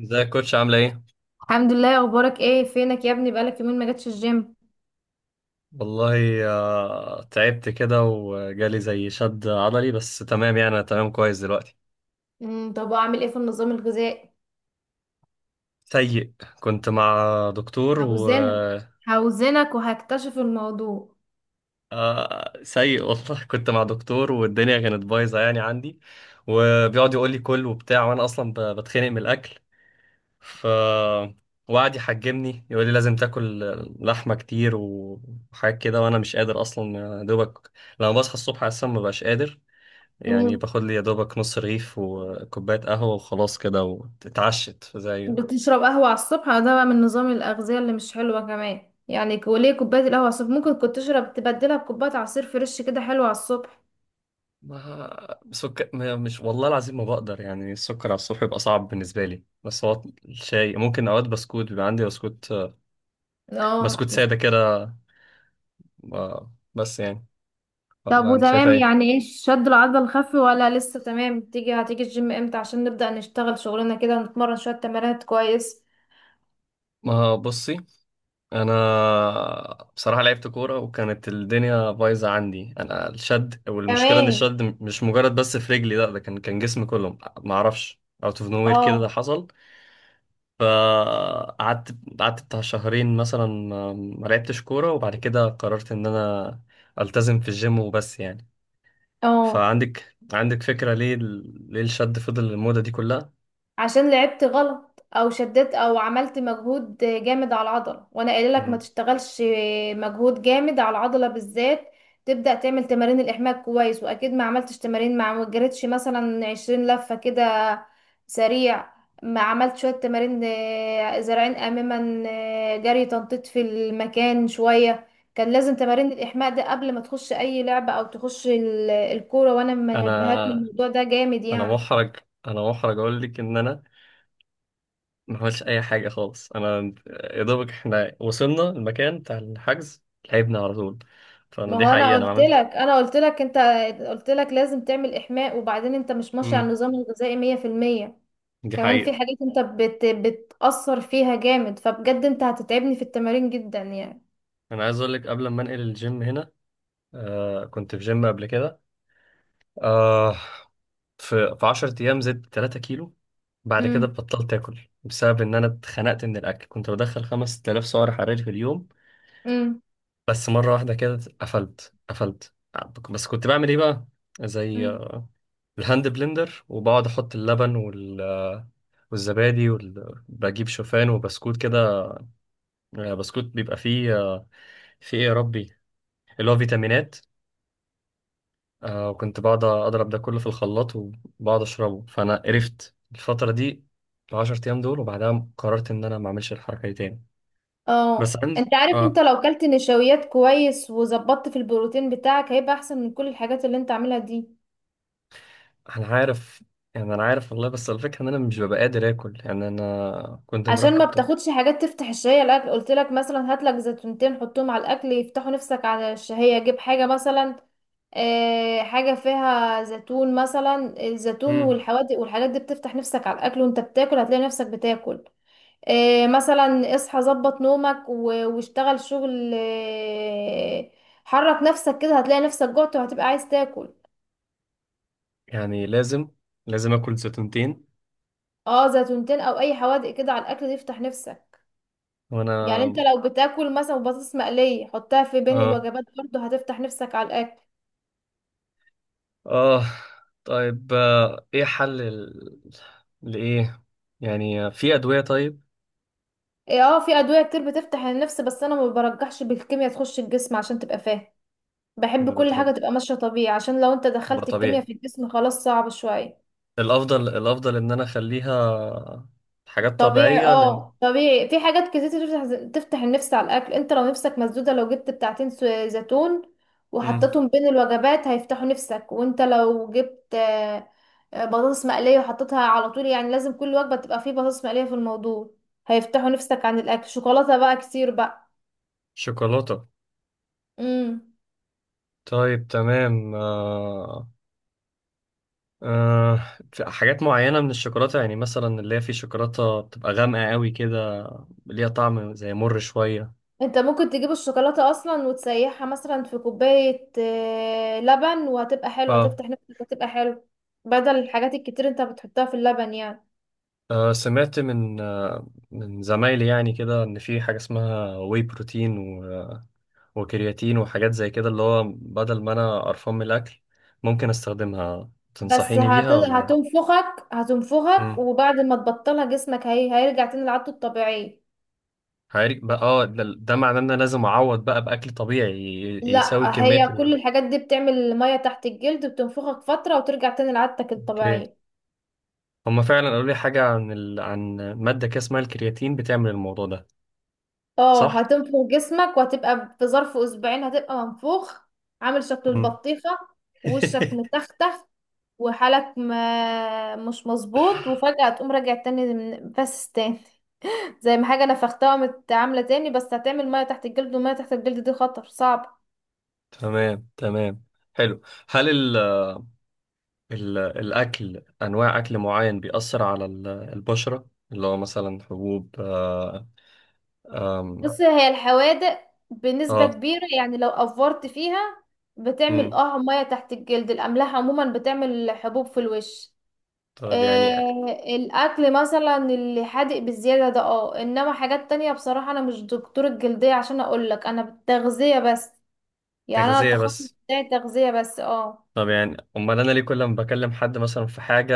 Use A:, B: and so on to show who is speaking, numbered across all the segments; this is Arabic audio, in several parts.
A: ازيك يا كوتش، عاملة ايه؟
B: الحمد لله، اخبارك ايه؟ فينك يا ابني؟ بقالك يومين ما جاتش الجيم.
A: والله. تعبت كده وجالي زي شد عضلي، بس تمام، يعني انا تمام كويس دلوقتي.
B: طب اعمل ايه في النظام الغذائي؟
A: سيء. كنت مع دكتور و.
B: عاوزينك هوزنك وهكتشف الموضوع.
A: سيء والله. كنت مع دكتور والدنيا كانت بايظة، يعني عندي، وبيقعد يقول لي كل وبتاع، وانا اصلا بتخنق من الاكل. ف. وقعد يحجمني يقول لي لازم تاكل لحمة كتير وحاجات كده، وانا مش قادر اصلا. يا دوبك لما بصحى الصبح اصلا ما بقاش قادر. يعني
B: امم
A: باخد لي يا دوبك نص رغيف وكوباية قهوة وخلاص كده، واتعشت زي
B: بتشرب قهوة على الصبح؟ ده بقى من نظام الأغذية اللي مش حلوة كمان يعني، وليه كوباية القهوة على الصبح؟ ممكن كنت تشرب تبدلها بكوباية عصير فريش، كده حلو على الصبح.
A: ما سكر. مش والله العظيم، ما بقدر. يعني السكر على الصبح بيبقى صعب بالنسبة لي، بس هو الشاي ممكن. أوقات بسكوت، بيبقى عندي بسكوت، بسكوت
B: اه،
A: سادة كده. بس يعني،
B: طب
A: والله أنت شايف
B: وتمام
A: إيه؟
B: يعني؟ ايه، شد العضل الخفي ولا لسه تمام؟ تيجي هتيجي الجيم امتى عشان نبدأ نشتغل شغلنا كده ونتمرن شوية تمارين كويس؟
A: ما بصي. أنا بصراحة لعبت كورة، وكانت الدنيا بايظة عندي أنا، الشد. والمشكلة إن
B: كمان.
A: الشد مش مجرد بس في رجلي، لا، ده كان جسمي كله، معرفش، اوت اوف نوير كده ده
B: اه.
A: حصل. فقعدت، بتاع شهرين مثلا ما لعبتش كورة، وبعد كده قررت إن أنا ألتزم في الجيم، وبس يعني.
B: اه،
A: فعندك فكرة ليه ليه الشد فضل المدة دي كلها؟
B: عشان لعبت غلط او شددت او عملت مجهود جامد على العضله، وانا قايله لك ما
A: مم.
B: تشتغلش مجهود جامد على العضله بالذات. تبدا تعمل تمارين الاحماء كويس، واكيد ما عملتش تمارين، مع ما جريتش مثلا 20 لفه كده سريع، ما عملت شويه تمارين، زرعين اماما، جري تنطيط في المكان شويه. كان لازم تمارين الاحماء ده قبل ما تخش اي لعبه او تخش الكوره، وانا
A: أنا.
B: منبهات من الموضوع ده جامد
A: أنا
B: يعني.
A: محرج. أقول لك إن أنا ما عملتش أي حاجة خالص. أنا يا دوبك إحنا وصلنا المكان بتاع الحجز، لعبنا على طول. فأنا
B: ما
A: دي
B: هو انا
A: حقيقة، أنا ما
B: قلت لك،
A: عملت.
B: انت قلت لك لازم تعمل احماء، وبعدين انت مش ماشي على
A: مم.
B: النظام الغذائي 100%.
A: دي
B: كمان
A: حقيقة.
B: في حاجات انت بتأثر فيها جامد، فبجد انت هتتعبني في التمارين جدا يعني.
A: أنا عايز أقول لك قبل ما أنقل الجيم هنا. كنت في جيم قبل كده. آه، في 10 ايام زدت 3 كيلو. بعد كده
B: امم.
A: بطلت اكل، بسبب ان انا اتخنقت من الاكل. كنت بدخل 5000 سعر حراري في اليوم،
B: امم.
A: بس مره واحده كده قفلت قفلت. بس كنت بعمل ايه بقى؟ زي
B: امم.
A: الهاند بلندر، وبقعد احط اللبن والزبادي وال، بجيب شوفان وبسكوت كده. بسكوت بيبقى فيه ايه يا ربي، اللي هو فيتامينات. آه، وكنت بقعد أضرب ده كله في الخلاط، وبقعد أشربه، فأنا قرفت الفترة دي، العشر أيام دول، وبعدها قررت إن أنا ما أعملش الحركة دي تاني. بس
B: اه،
A: عندي
B: انت عارف، انت
A: آه.
B: لو كلت نشويات كويس وظبطت في البروتين بتاعك هيبقى احسن من كل الحاجات اللي انت عاملها دي.
A: أنا عارف، يعني أنا عارف والله، بس الفكرة إن أنا مش ببقى قادر آكل. يعني أنا كنت
B: عشان ما
A: مركب طب.
B: بتاخدش حاجات تفتح الشهية، الاكل قلت لك مثلا هات لك زيتونتين حطهم على الاكل يفتحوا نفسك على الشهية. جيب حاجة مثلا، حاجة فيها زيتون مثلا، الزيتون
A: امم.
B: والحوادق والحاجات دي بتفتح نفسك على الأكل، وانت بتاكل هتلاقي نفسك بتاكل. مثلا اصحى، ظبط نومك واشتغل شغل، حرك نفسك كده هتلاقي نفسك جعت وهتبقى عايز تاكل.
A: يعني لازم، لازم آكل زيتونتين؟
B: اه، زيتونتين او اي حوادق كده على الاكل دي يفتح نفسك. يعني
A: وأنا
B: انت لو بتاكل مثلا بطاطس مقلية، حطها في بين
A: آه.
B: الوجبات برضه هتفتح نفسك على الاكل.
A: آه، طيب، إيه حل ال، لإيه؟ يعني في أدوية طيب؟
B: اه، في ادوية كتير بتفتح النفس، بس انا ما برجحش بالكيمياء تخش الجسم عشان تبقى فاهم. بحب
A: أنا
B: كل حاجة
A: بترج
B: تبقى ماشية طبيعي، عشان لو انت
A: أبقى
B: دخلت الكيمياء
A: طبيعي،
B: في الجسم خلاص صعب شوية.
A: الافضل، الافضل ان انا اخليها حاجات
B: طبيعي،
A: طبيعيه لان.
B: اه طبيعي. في حاجات كتير تفتح النفس على الأكل. انت لو نفسك مسدودة، لو جبت بتاعتين زيتون
A: مم.
B: وحطيتهم بين الوجبات هيفتحوا نفسك. وانت لو جبت بطاطس مقلية وحطيتها على طول، يعني لازم كل وجبة تبقى فيه بطاطس مقلية في الموضوع، هيفتحوا نفسك عن الأكل. شوكولاتة بقى كتير بقى.
A: شوكولاته.
B: امم.
A: طيب تمام، آه... في حاجات معينه من الشوكولاته، يعني مثلا اللي هي في شوكولاته بتبقى غامقه قوي كده، ليها طعم زي مر شويه.
B: انت ممكن تجيب الشوكولاتة اصلا وتسيحها مثلا في كوباية لبن، وهتبقى حلو
A: اه.
B: هتفتح نفسك، هتبقى حلو. بدل الحاجات الكتير انت بتحطها في اللبن يعني.
A: آه، سمعت من من زمايلي يعني كده، ان في حاجه اسمها واي بروتين، و... وكرياتين وحاجات زي كده، اللي هو بدل ما انا قرفان من الاكل، ممكن استخدمها، تنصحيني بيها ولا؟
B: هتنفخك،
A: مم.
B: وبعد ما تبطلها جسمك هيرجع تاني لعادته الطبيعية.
A: هاري بقى. اه، ده معناه ان انا لازم اعوض بقى باكل طبيعي، يساوي
B: لا،
A: كميه
B: هي
A: ال.
B: كل الحاجات دي بتعمل مية تحت الجلد، بتنفخك فترة وترجع تاني لعادتك
A: اوكي.
B: الطبيعية.
A: هما فعلا قالوا لي حاجه عن ال، عن ماده كده اسمها الكرياتين، بتعمل الموضوع ده.
B: اه،
A: صح.
B: هتنفخ جسمك وهتبقى في ظرف اسبوعين هتبقى منفوخ، عامل شكل
A: مم.
B: البطيخة، وشك متختخ، وحالك ما مش مظبوط، وفجأة تقوم راجع تاني بس تاني. زي ما حاجة نفختها قامت عاملة تاني، بس هتعمل مية تحت الجلد، والمية تحت الجلد دي خطر صعب.
A: تمام، تمام، حلو. هل ال، ال الاكل، انواع اكل معين بيأثر على البشره، اللي هو مثلا حبوب اه. آم.
B: بص، هي الحوادق بنسبة
A: اه.
B: كبيرة يعني لو أفورت فيها بتعمل
A: مم.
B: اه مية تحت الجلد. الأملاح عموما بتعمل حبوب في الوش.
A: طيب يعني،
B: آه، الأكل مثلا اللي حادق بالزيادة ده اه، إنما حاجات تانية بصراحة أنا مش دكتور الجلدية عشان أقولك، أنا بالتغذية بس، يعني انا
A: تغذيه
B: التخصص
A: بس.
B: بتاعي تغذية بس. اه.
A: طب يعني امال انا ليه كل ما بكلم حد مثلا في حاجه،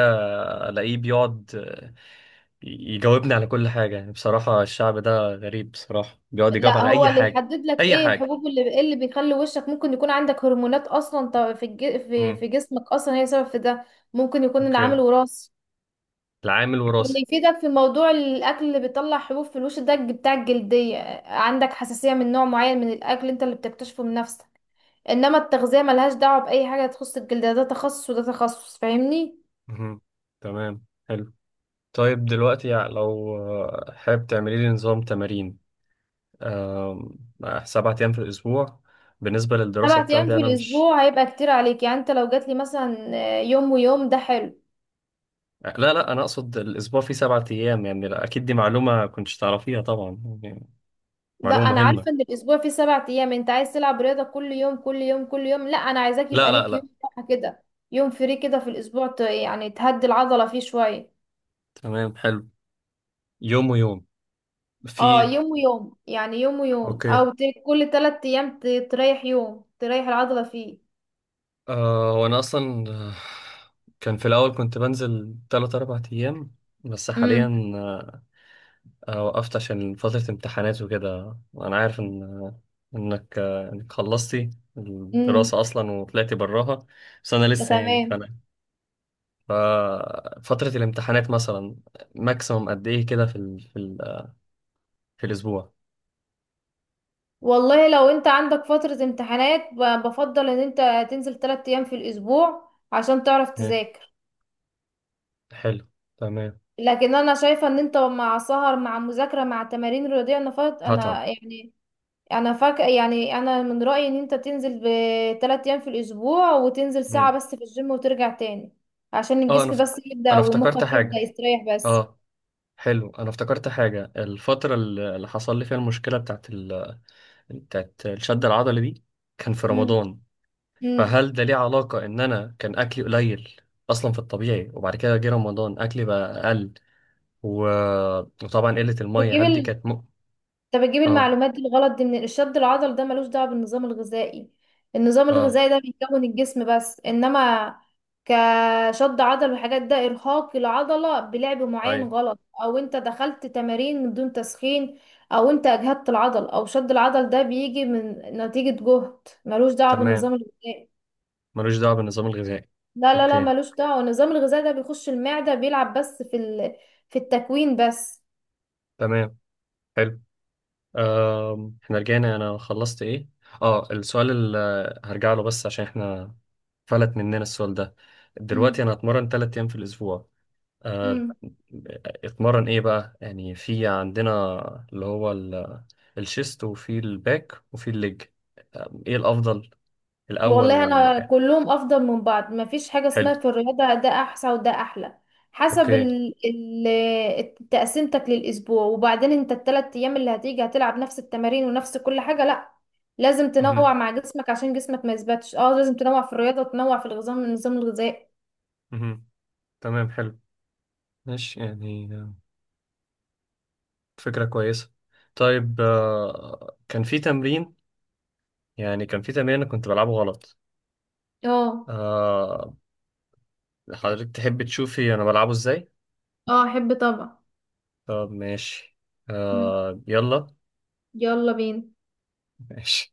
A: الاقيه بيقعد يجاوبني على كل حاجة؟ يعني بصراحة الشعب ده غريب، بصراحة بيقعد يجاوب
B: لا،
A: على
B: هو
A: أي
B: اللي
A: حاجة،
B: يحدد لك
A: أي
B: ايه
A: حاجة.
B: الحبوب، اللي إيه اللي بيخلي وشك، ممكن يكون عندك هرمونات اصلا، في
A: امم.
B: في جسمك اصلا هي سبب في ده. ممكن يكون
A: أوكي،
B: العامل وراثي.
A: العامل وراثي.
B: اللي يفيدك في موضوع الاكل اللي بيطلع حبوب في الوش ده بتاع الجلدية. عندك حساسية من نوع معين من الاكل انت اللي بتكتشفه من نفسك. انما التغذية ملهاش دعوة باي حاجة تخص الجلد، ده تخصص وده تخصص، فاهمني؟
A: امم. تمام، حلو. طيب دلوقتي، يعني لو حابب تعملي لي نظام تمارين. آم. آه، 7 أيام في الأسبوع، بالنسبة للدراسة
B: 7 ايام
A: بتاعتي
B: في
A: أنا مش.
B: الاسبوع هيبقى كتير عليك يعني. انت لو جاتلي مثلا يوم ويوم ده حلو.
A: لا لا، أنا أقصد الأسبوع فيه 7 أيام يعني. لا، أكيد دي معلومة كنتش تعرفيها طبعا يعني،
B: لا،
A: معلومة
B: انا
A: مهمة.
B: عارفه ان الاسبوع فيه 7 ايام. انت عايز تلعب رياضه كل يوم كل يوم كل يوم؟ لا، انا عايزاك يبقى
A: لا لا
B: ليك يوم
A: لا.
B: راحه كده، يوم فري كده في الاسبوع، يعني تهدي العضله فيه شويه.
A: تمام، حلو، يوم ويوم.
B: اه،
A: في.
B: يوم ويوم يعني، يوم ويوم
A: أوكي.
B: او كل 3 ايام تريح يوم تريح العضله فيه.
A: أه، وأنا أصلا كان في الأول كنت بنزل تلات أربع أيام، بس حاليا
B: امم.
A: وقفت عشان فترة امتحانات وكده. وأنا عارف إن إنك خلصتي
B: امم.
A: الدراسة أصلا وطلعتي براها، بس أنا
B: ده
A: لسه يعني،
B: تمام.
A: فأنا ففترة الامتحانات مثلا، ماكسيموم قد إيه كده، في ال، في الأسبوع؟
B: والله لو انت عندك فتره امتحانات بفضل ان انت تنزل 3 ايام في الاسبوع عشان تعرف
A: إيه،
B: تذاكر.
A: حلو، تمام.
B: لكن انا شايفه ان انت مع سهر مع مذاكره مع تمارين رياضيه، انا فات
A: هتعب.
B: انا يعني، انا فاك يعني. انا من رايي ان انت تنزل ب3 ايام في الاسبوع وتنزل ساعه
A: مم.
B: بس في الجيم وترجع تاني، عشان
A: أه،
B: الجسم بس يبدا
A: أنا افتكرت
B: ومخك يبدا
A: حاجة.
B: يستريح بس.
A: أه، حلو، انا افتكرت حاجه، الفتره اللي حصل لي فيها المشكله بتاعت ال، بتاعت الشد العضلي دي، كان في
B: امم.
A: رمضان.
B: امم.
A: فهل ده ليه علاقه ان انا كان اكلي قليل اصلا في الطبيعي، وبعد كده جه رمضان اكلي بقى اقل، و... وطبعا قله الميه، هل دي
B: بتجيب
A: كانت م؟
B: انت بتجيب
A: اه.
B: المعلومات دي الغلط دي. من الشد العضل ده ملوش دعوه بالنظام الغذائي. النظام
A: اه.
B: الغذائي ده بيكون الجسم بس، انما كشد عضل والحاجات ده ارهاق العضله بلعب معين
A: ايوه.
B: غلط، او انت دخلت تمارين من دون تسخين، او انت اجهدت العضل. او شد العضل ده بيجي من نتيجه جهد، ملوش دعوه
A: تمام،
B: بالنظام الغذائي.
A: ملوش دعوه بالنظام الغذائي.
B: لا لا لا،
A: اوكي.
B: ملوش دعوه. النظام الغذائي ده بيخش المعده بيلعب بس في في التكوين بس.
A: تمام، حلو. آم، احنا رجعنا، انا خلصت ايه؟ اه، السؤال اللي هرجع له، بس عشان احنا فلت مننا السؤال ده. دلوقتي انا اتمرن 3 ايام في الاسبوع، آه،
B: امم.
A: اتمرن ايه بقى؟ يعني في عندنا اللي هو الشيست، وفي الباك، وفي الليج. آه، ايه الافضل، الاول
B: والله انا
A: وال.
B: كلهم افضل من بعض، ما فيش حاجه
A: حلو.
B: اسمها في الرياضه ده احسن وده احلى، حسب
A: اوكي.
B: تقسيمتك للاسبوع. وبعدين انت ال3 ايام اللي هتيجي هتلعب نفس التمارين ونفس كل حاجه؟ لا، لازم تنوع
A: مهم.
B: مع جسمك عشان جسمك ما يثبتش. اه، لازم تنوع في الرياضه وتنوع في النظام الغذائي.
A: مهم. تمام، حلو. ماشي، يعني فكرة كويسة. طيب كان في تمرين، يعني كان في تمرين انا كنت بلعبه غلط.
B: اه.
A: آه، حضرتك تحب تشوفي انا بلعبه ازاي؟
B: اه، احب طبعا.
A: طب ماشي.
B: مم،
A: يلا.
B: يلا بينا.
A: ماشي.